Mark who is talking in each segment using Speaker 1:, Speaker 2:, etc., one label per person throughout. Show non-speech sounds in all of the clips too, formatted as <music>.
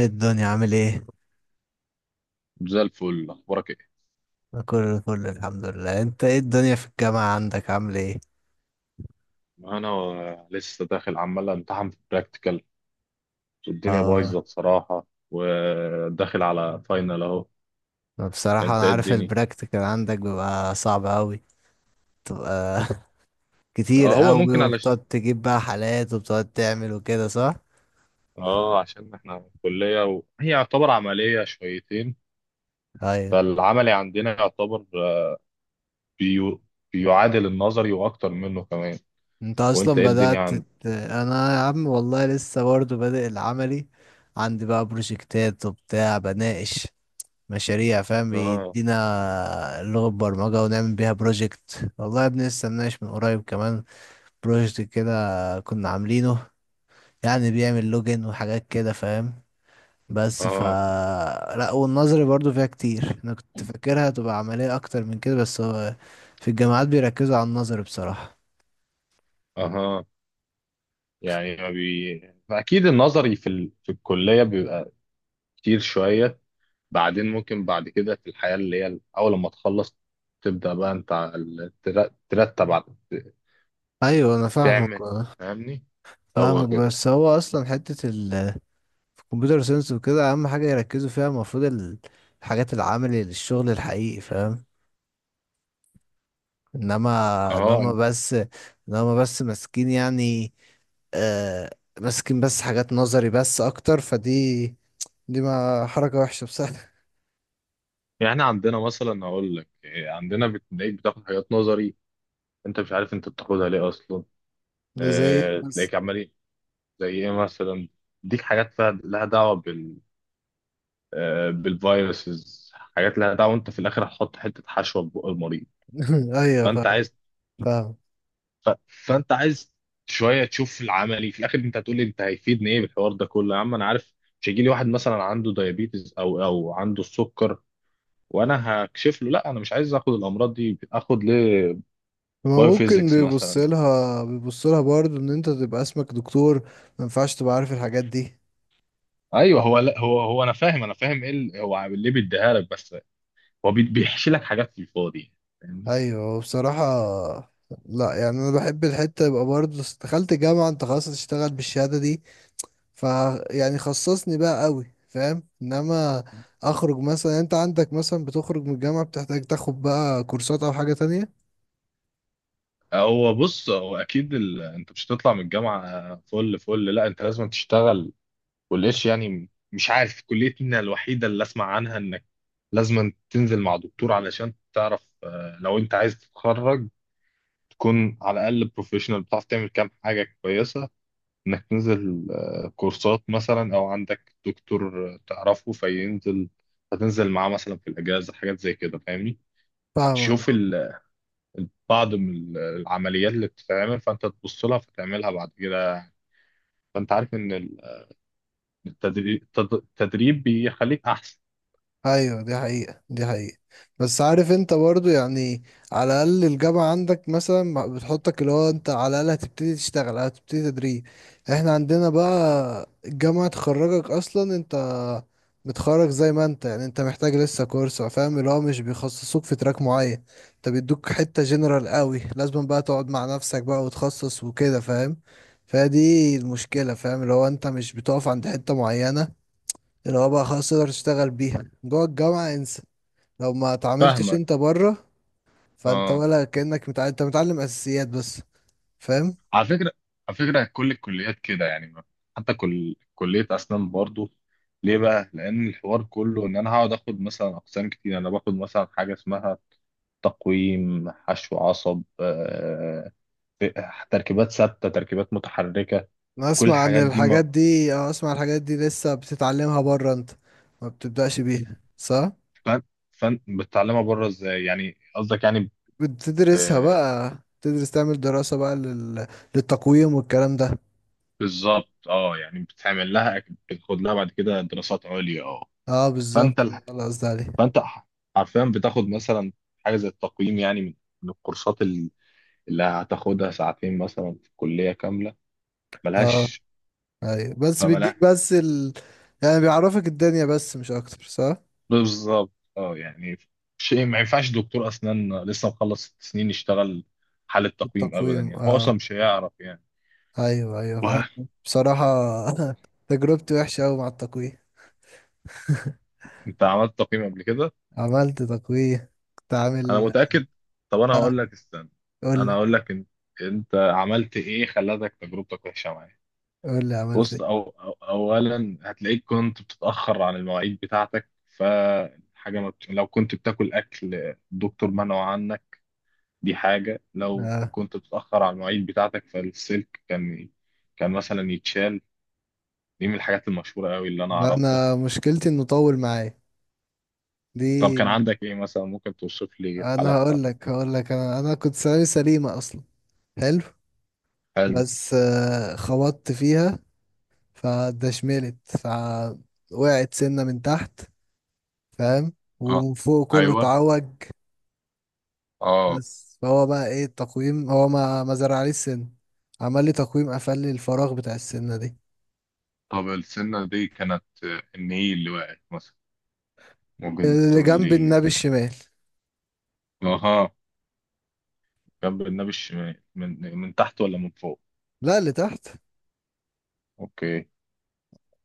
Speaker 1: إيه الدنيا عامل ايه؟
Speaker 2: زي الفل، اخبارك ايه؟
Speaker 1: أنا كله فل، الحمد لله. انت ايه الدنيا في الجامعة عندك عامل ايه؟
Speaker 2: انا لسه داخل عمال امتحن في براكتيكال، والدنيا
Speaker 1: اه.
Speaker 2: بايظه بصراحه، وداخل على فاينل اهو.
Speaker 1: أنا بصراحة
Speaker 2: انت
Speaker 1: انا
Speaker 2: ايه
Speaker 1: عارف
Speaker 2: الدنيا؟
Speaker 1: البراكتيكال عندك بيبقى صعب اوي، تبقى <laughs> كتير
Speaker 2: هو
Speaker 1: اوي،
Speaker 2: ممكن علشان
Speaker 1: وبتقعد تجيب بقى حالات وبتقعد تعمل وكده، صح؟
Speaker 2: اه عشان احنا كليه هي يعتبر عمليه شويتين.
Speaker 1: ايوه.
Speaker 2: فالعملي عندنا يعتبر بيو... بيعادل النظري واكتر منه كمان.
Speaker 1: انت
Speaker 2: وانت
Speaker 1: اصلا
Speaker 2: ايه الدنيا
Speaker 1: بدأت
Speaker 2: عندك؟
Speaker 1: ت- انا يا عم والله لسه برضه بادئ العملي. عندي بقى بروجكتات وبتاع، بناقش مشاريع، فاهم؟
Speaker 2: اه،
Speaker 1: بيدينا لغة برمجة ونعمل بيها بروجكت، والله يا ابني لسه مناقش من قريب كمان بروجكت كده كنا عاملينه، يعني بيعمل لوجن وحاجات كده، فاهم؟ بس ف
Speaker 2: اه،
Speaker 1: لا، والنظري برضو فيها كتير. انا كنت فاكرها تبقى عملية اكتر من كده، بس هو في الجامعات بيركزوا على النظر بصراحة.
Speaker 2: اها. يعني ما بي... اكيد النظري في الكليه بيبقى كتير شويه. بعدين ممكن بعد كده في الحياة اللي هي أول لما تخلص، تبدأ بقى أنت ترتب
Speaker 1: ايوه، انا فاهمك،
Speaker 2: تعمل. فاهمني؟ هو
Speaker 1: فاهمك.
Speaker 2: كده.
Speaker 1: بس هو اصلا حتة في الكمبيوتر ساينس وكده اهم حاجة يركزوا فيها المفروض الحاجات العملي للشغل الحقيقي، فاهم؟ انما انما
Speaker 2: اه.
Speaker 1: بس انما بس ماسكين يعني آه ماسكين بس حاجات نظري بس اكتر، فدي دي ما حركة وحشة بصراحة.
Speaker 2: يعني عندنا مثلا، أقول لك عندنا بتلاقيك بتاخد حاجات نظري، أنت مش عارف أنت بتاخدها ليه أصلا.
Speaker 1: <laughs> ده زي إيه
Speaker 2: اه
Speaker 1: بس؟
Speaker 2: تلاقيك عمال زي إيه مثلا، ديك حاجات فيها لها دعوة بالفيروسز، حاجات لها دعوة وأنت في الآخر هتحط حتة حشوة في بق المريض.
Speaker 1: <laughs> ايوه
Speaker 2: فأنت
Speaker 1: فاهم.
Speaker 2: عايز
Speaker 1: فاهم.
Speaker 2: فانت عايز شويه تشوف العملي في الاخر. انت هتقول لي انت هيفيدني ايه بالحوار ده كله، يا عم انا عارف. مش هيجي لي واحد مثلا عنده دايابيتس او عنده السكر وانا هكشف له. لا انا مش عايز اخد الامراض دي، اخد ليه
Speaker 1: ما ممكن،
Speaker 2: بايوفيزيكس
Speaker 1: بيبص
Speaker 2: مثلا؟
Speaker 1: لها برضه ان انت تبقى اسمك دكتور، ما ينفعش تبقى عارف الحاجات دي.
Speaker 2: ايوه هو، لا هو انا فاهم، ايه هو ليه بيديها لك بس؟ هو بيحشي لك حاجات في الفاضي، يعني، فاهمني.
Speaker 1: ايوه بصراحة. لا يعني انا بحب الحتة يبقى برضه، دخلت جامعة انت خلاص هتشتغل بالشهادة دي، فيعني خصصني بقى قوي فاهم، انما اخرج مثلا، يعني انت عندك مثلا بتخرج من الجامعة بتحتاج تاخد بقى كورسات او حاجة تانية.
Speaker 2: هو بص، هو اكيد انت مش هتطلع من الجامعه فل فل، لا انت لازم تشتغل والقش. يعني مش عارف، كليتنا الوحيدة اللي أسمع عنها إنك لازم تنزل مع دكتور علشان تعرف، لو أنت عايز تتخرج تكون على الأقل بروفيشنال بتعرف تعمل كام حاجة كويسة، إنك تنزل كورسات مثلا، أو عندك دكتور تعرفه فينزل، هتنزل معاه مثلا في الأجازة حاجات زي كده. فاهمني؟ تشوف
Speaker 1: فاهمك.
Speaker 2: بعض من العمليات اللي بتتعمل فأنت تبص لها فتعملها بعد كده. فأنت عارف إن التدريب بيخليك أحسن.
Speaker 1: ايوه، دي حقيقة دي حقيقة. بس عارف انت برضو، يعني على الاقل الجامعة عندك مثلا بتحطك، اللي هو انت على الاقل هتبتدي تشتغل، هتبتدي تدريب. احنا عندنا بقى الجامعة تخرجك اصلا، انت متخرج زي ما انت، يعني انت محتاج لسه كورس، فاهم؟ اللي هو مش بيخصصوك في تراك معين، انت بيدوك حتة جنرال قوي، لازم بقى تقعد مع نفسك بقى وتخصص وكده، فاهم؟ فدي المشكلة، فاهم؟ اللي هو انت مش بتقف عند حتة معينة، اللي هو بقى خلاص تقدر تشتغل بيها جوه الجامعة انسى، لو ما اتعاملتش
Speaker 2: فاهمك.
Speaker 1: انت بره، فانت
Speaker 2: اه.
Speaker 1: ولا كأنك متعلم، انت متعلم اساسيات بس، فاهم؟
Speaker 2: على فكرة، كل الكليات كده يعني، حتى كل كلية أسنان برضو. ليه بقى؟ لأن الحوار كله إن أنا هقعد آخد مثلا أقسام كتير. أنا باخد مثلا حاجة اسمها تقويم، حشو، عصب، تركيبات ثابتة، تركيبات متحركة،
Speaker 1: انا
Speaker 2: كل
Speaker 1: اسمع عن
Speaker 2: الحاجات دي
Speaker 1: الحاجات
Speaker 2: ما.
Speaker 1: دي، اه، اسمع الحاجات دي لسه بتتعلمها بره انت، ما بتبدأش بيها، صح؟
Speaker 2: فن فن بتتعلمها بره، إزاي يعني قصدك يعني؟
Speaker 1: بتدرسها
Speaker 2: ب-
Speaker 1: بقى، تدرس تعمل دراسة بقى للتقويم والكلام ده.
Speaker 2: بالظبط، اه يعني بتعمل لها، بتاخد لها بعد كده دراسات عليا. اه.
Speaker 1: اه بالظبط.
Speaker 2: فانت،
Speaker 1: خلاص، ده عليه.
Speaker 2: فانت ح- حرفيا بتاخد مثلا حاجه زي التقييم، يعني من الكورسات اللي هتاخدها ساعتين مثلا في الكليه كامله،
Speaker 1: اه
Speaker 2: ملهاش.
Speaker 1: ايوه، بس
Speaker 2: فملهاش.
Speaker 1: بيديك بس يعني بيعرفك الدنيا بس مش اكتر، صح؟
Speaker 2: بالظبط اه، يعني شيء ما ينفعش دكتور اسنان لسه مخلص 6 سنين يشتغل حالة تقييم ابدا،
Speaker 1: التقويم،
Speaker 2: يعني هو اصلا
Speaker 1: اه.
Speaker 2: مش هيعرف يعني.
Speaker 1: ايوه ايوه
Speaker 2: واه،
Speaker 1: فاهم بصراحة. <laughs> تجربتي وحشة اوي مع التقوية.
Speaker 2: انت عملت تقييم قبل كده.
Speaker 1: عملت تقوية كنت
Speaker 2: انا
Speaker 1: عامل.
Speaker 2: متاكد. طب انا
Speaker 1: اه،
Speaker 2: هقول لك استنى، انا
Speaker 1: قولي.
Speaker 2: هقول لك انت، عملت ايه خلتك تجربتك وحشه معايا.
Speaker 1: قولي عملت
Speaker 2: بص،
Speaker 1: ايه.
Speaker 2: أو أو أولا هتلاقيك كنت بتتأخر عن المواعيد بتاعتك، فحاجة ما بت... لو كنت بتاكل أكل الدكتور منعه عنك، دي حاجة. لو
Speaker 1: اه،
Speaker 2: كنت بتتأخر عن المواعيد بتاعتك فالسلك كان مثلا يتشال، دي من الحاجات المشهورة أوي اللي أنا
Speaker 1: ده
Speaker 2: أعرفها.
Speaker 1: انا مشكلتي انه طول معايا
Speaker 2: طب كان
Speaker 1: دي.
Speaker 2: عندك إيه مثلا؟ ممكن توصف لي الحالة
Speaker 1: انا هقول
Speaker 2: بتاعتك.
Speaker 1: لك هقول لك انا كنت ثانوي سليمة اصلا. حلو.
Speaker 2: حلو.
Speaker 1: بس خبطت فيها، فدشملت، فوقعت سنة من تحت، فاهم؟
Speaker 2: اه.
Speaker 1: ومن فوق كله
Speaker 2: ايوه.
Speaker 1: اتعوج.
Speaker 2: اه.
Speaker 1: بس فهو بقى ايه التقويم؟ هو ما زرعليش سن، عمل لي تقويم قفل لي الفراغ بتاع السنة دي.
Speaker 2: طب السنه دي كانت، ان ايه اللي وقعت مثلا، ممكن
Speaker 1: اللي
Speaker 2: تقول
Speaker 1: جنب
Speaker 2: لي؟
Speaker 1: النبي الشمال.
Speaker 2: أها، جنب النبي الشمال من تحت ولا من فوق؟
Speaker 1: لا، اللي تحت.
Speaker 2: اوكي.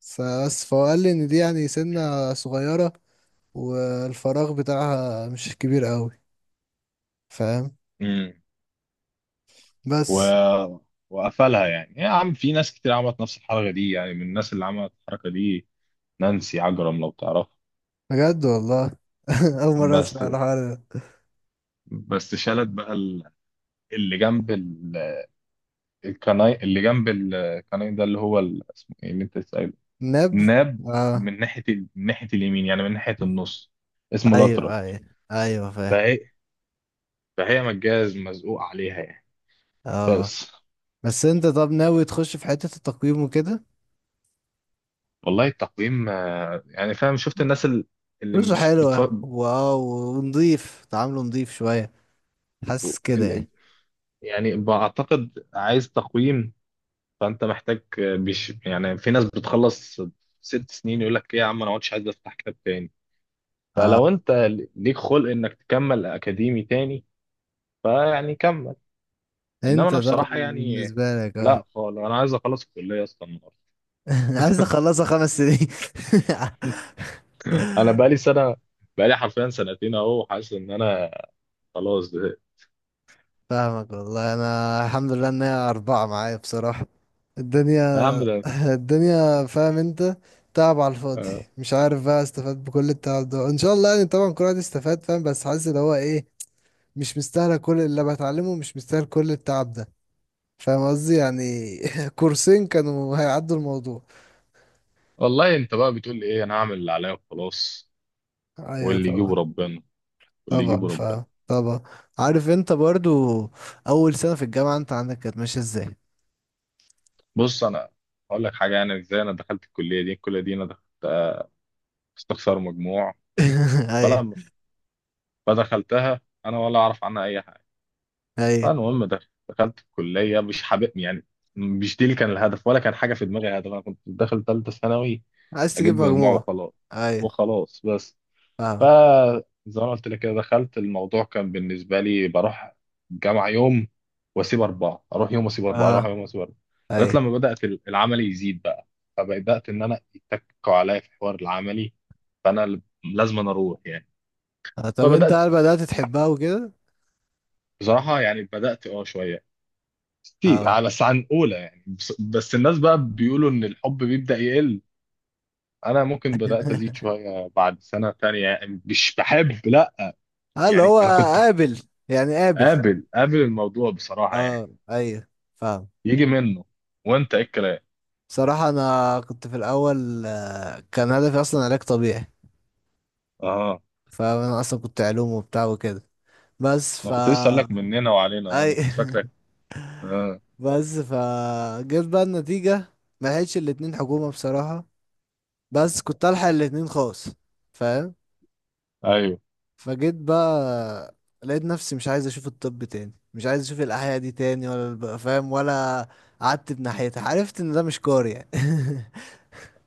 Speaker 1: بس فهو قال لي ان دي يعني سنة صغيرة والفراغ بتاعها مش كبير قوي، فاهم؟
Speaker 2: امم و...
Speaker 1: بس.
Speaker 2: وقفلها يعني يا عم، في ناس كتير عملت نفس الحركه دي، يعني من الناس اللي عملت الحركه دي، نانسي عجرم لو تعرفها.
Speaker 1: بجد والله؟ <laughs> اول مرة
Speaker 2: بس
Speaker 1: اسمع الحوار ده.
Speaker 2: بس شالت بقى اللي جنب ال- الكناي، اللي جنب الكناي ده، اللي هو اسمه ايه اللي انت سأله؟
Speaker 1: نب.
Speaker 2: الناب.
Speaker 1: اه
Speaker 2: من ناحيه اليمين، يعني من ناحيه النص، اسمه لاترال.
Speaker 1: ايوه ايوه. ايوه فاهم.
Speaker 2: فهي فهي مجاز مزقوق عليها يعني.
Speaker 1: اه،
Speaker 2: بس.
Speaker 1: بس انت طب ناوي تخش في حتة التقويم وكده؟
Speaker 2: والله التقويم، يعني فاهم، شفت الناس ال- اللي
Speaker 1: فلوسه
Speaker 2: مش بتف...
Speaker 1: حلوة، واو، ونضيف، تعامله نضيف شوية، حاسس كده
Speaker 2: ال-
Speaker 1: يعني.
Speaker 2: يعني بعتقد عايز تقويم. فانت محتاج يعني في ناس بتخلص 6 سنين يقول لك ايه يا عم انا ما عدتش عايز افتح كتاب تاني.
Speaker 1: اه،
Speaker 2: فلو انت ليك خلق انك تكمل اكاديمي تاني، فيعني كمل. انما
Speaker 1: انت
Speaker 2: انا
Speaker 1: طب
Speaker 2: بصراحة يعني
Speaker 1: بالنسبة لك، اه.
Speaker 2: لا خالص، انا عايز اخلص الكلية اصلا النهارده.
Speaker 1: <laughs> عايز اخلصها 5 سنين <laughs>
Speaker 2: <laughs> انا بقالي سنة، بقالي حرفيا سنتين اهو، حاسس ان انا خلاص زهقت.
Speaker 1: فاهمك والله. انا الحمد لله ان هي اربعة معايا بصراحة، الدنيا،
Speaker 2: يا عم ده،
Speaker 1: الدنيا فاهم انت، تعب على الفاضي،
Speaker 2: آه،
Speaker 1: مش عارف بقى استفاد بكل التعب ده، ان شاء الله يعني، طبعا كل واحد استفاد فاهم، بس حاسس اللي هو ايه، مش مستاهله كل اللي بتعلمه، مش مستاهل كل التعب ده، فاهم قصدي يعني؟ <laughs> كورسين كانوا هيعدوا الموضوع.
Speaker 2: والله انت بقى بتقول لي ايه؟ انا هعمل اللي عليا وخلاص،
Speaker 1: ايوه
Speaker 2: واللي يجيبه
Speaker 1: طبعا.
Speaker 2: ربنا، واللي
Speaker 1: طبعا
Speaker 2: يجيبه ربنا.
Speaker 1: فاهم طبعا. عارف انت برضو، اول سنة في الجامعة انت عندك كانت ماشية ازاي؟
Speaker 2: بص انا هقول لك حاجه، يعني ازاي انا دخلت الكليه دي؟ الكليه دي انا دخلت استخسار مجموع.
Speaker 1: <laughs> ايوه
Speaker 2: فلما فدخلتها انا ولا اعرف عنها اي حاجه.
Speaker 1: ايوه.
Speaker 2: فالمهم، دخلت الكليه مش حابب يعني، مش دي اللي كان الهدف ولا كان حاجه في دماغي هدف. انا كنت داخل ثالثه ثانوي
Speaker 1: عايز تجيب
Speaker 2: اجيب مجموع
Speaker 1: مجموع.
Speaker 2: وخلاص،
Speaker 1: ايوه.
Speaker 2: وخلاص بس.
Speaker 1: فاهم.
Speaker 2: فزي ما أنا قلت لك كده، دخلت الموضوع كان بالنسبه لي بروح جامعه يوم واسيب اربعه، اروح يوم واسيب اربعه، اروح
Speaker 1: اه
Speaker 2: يوم واسيب اربعه، لغايه
Speaker 1: ايوه.
Speaker 2: لما بدات العمل يزيد بقى، فبدات ان انا يتكوا عليا في حوار العملي، فانا لازم أنا اروح يعني.
Speaker 1: طب انت
Speaker 2: فبدات
Speaker 1: هل بدأت تحبها وكده؟
Speaker 2: بصراحه، يعني بدات شويه كتير،
Speaker 1: اه.
Speaker 2: بس عن اولى يعني. بس الناس بقى بيقولوا ان الحب بيبدا يقل، انا ممكن بدات ازيد
Speaker 1: <laughs>
Speaker 2: شويه بعد سنه تانية، يعني مش بحب لا.
Speaker 1: اللي
Speaker 2: يعني
Speaker 1: هو
Speaker 2: انا كنت
Speaker 1: قابل. يعني قابل.
Speaker 2: قابل، الموضوع بصراحة يعني
Speaker 1: اه ايوه فاهم.
Speaker 2: يجي منه. وانت ايه الكلام؟
Speaker 1: صراحة انا كنت في الاول، كان هدفي اصلا علاج طبيعي.
Speaker 2: اه.
Speaker 1: فانا اصلا كنت علوم وبتاع وكده، بس
Speaker 2: انا
Speaker 1: ف
Speaker 2: كنت لسه اقول لك مننا وعلينا،
Speaker 1: اي
Speaker 2: انا كنت فاكرك.
Speaker 1: <laughs>
Speaker 2: اه.
Speaker 1: بس ف جت بقى النتيجة، ما لحقتش الاتنين حكومة بصراحة، بس كنت الحق الاتنين خاص، فاهم؟
Speaker 2: ايوه.
Speaker 1: فجيت بقى، لقيت نفسي مش عايز اشوف الطب تاني، مش عايز اشوف الاحياء دي تاني، ولا فاهم، ولا قعدت بناحيتها، عرفت ان ده مش كار يعني <laughs>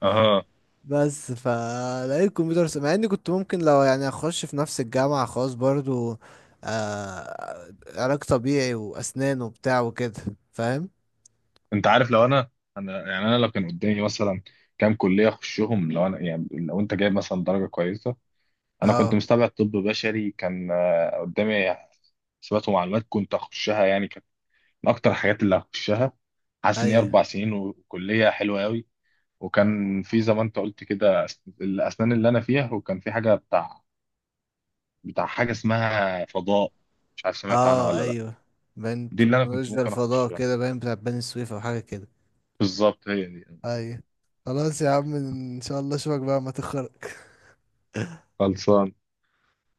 Speaker 2: اه.
Speaker 1: بس فلقيت كمبيوتر مع اني كنت ممكن لو يعني اخش في نفس الجامعة خاص برضو، علاج طبيعي واسنان وبتاع وكده، فاهم؟
Speaker 2: انت عارف، لو انا، يعني انا لو كان قدامي مثلا كام كلية اخشهم، لو انا، يعني لو انت جايب مثلا درجة كويسة، انا كنت
Speaker 1: اه
Speaker 2: مستبعد طب بشري كان قدامي. حسابات ومعلومات كنت اخشها يعني، كانت من اكتر الحاجات اللي هخشها، حاسس ان هي
Speaker 1: ايوه.
Speaker 2: 4 سنين وكلية حلوة قوي. وكان في زي ما انت قلت كده الاسنان اللي انا فيها. وكان في حاجه بتاع حاجه اسمها فضاء، مش عارف سمعت عنها
Speaker 1: اه
Speaker 2: ولا لا.
Speaker 1: ايوه. باين
Speaker 2: دي اللي انا كنت
Speaker 1: تكنولوجيا
Speaker 2: ممكن
Speaker 1: الفضاء
Speaker 2: اخشها،
Speaker 1: كده، باين بتاع بني سويف او حاجه كده.
Speaker 2: بالظبط هي دي.
Speaker 1: ايوه. خلاص يا عم، ان شاء الله اشوفك بقى ما تخرج.
Speaker 2: خلصان.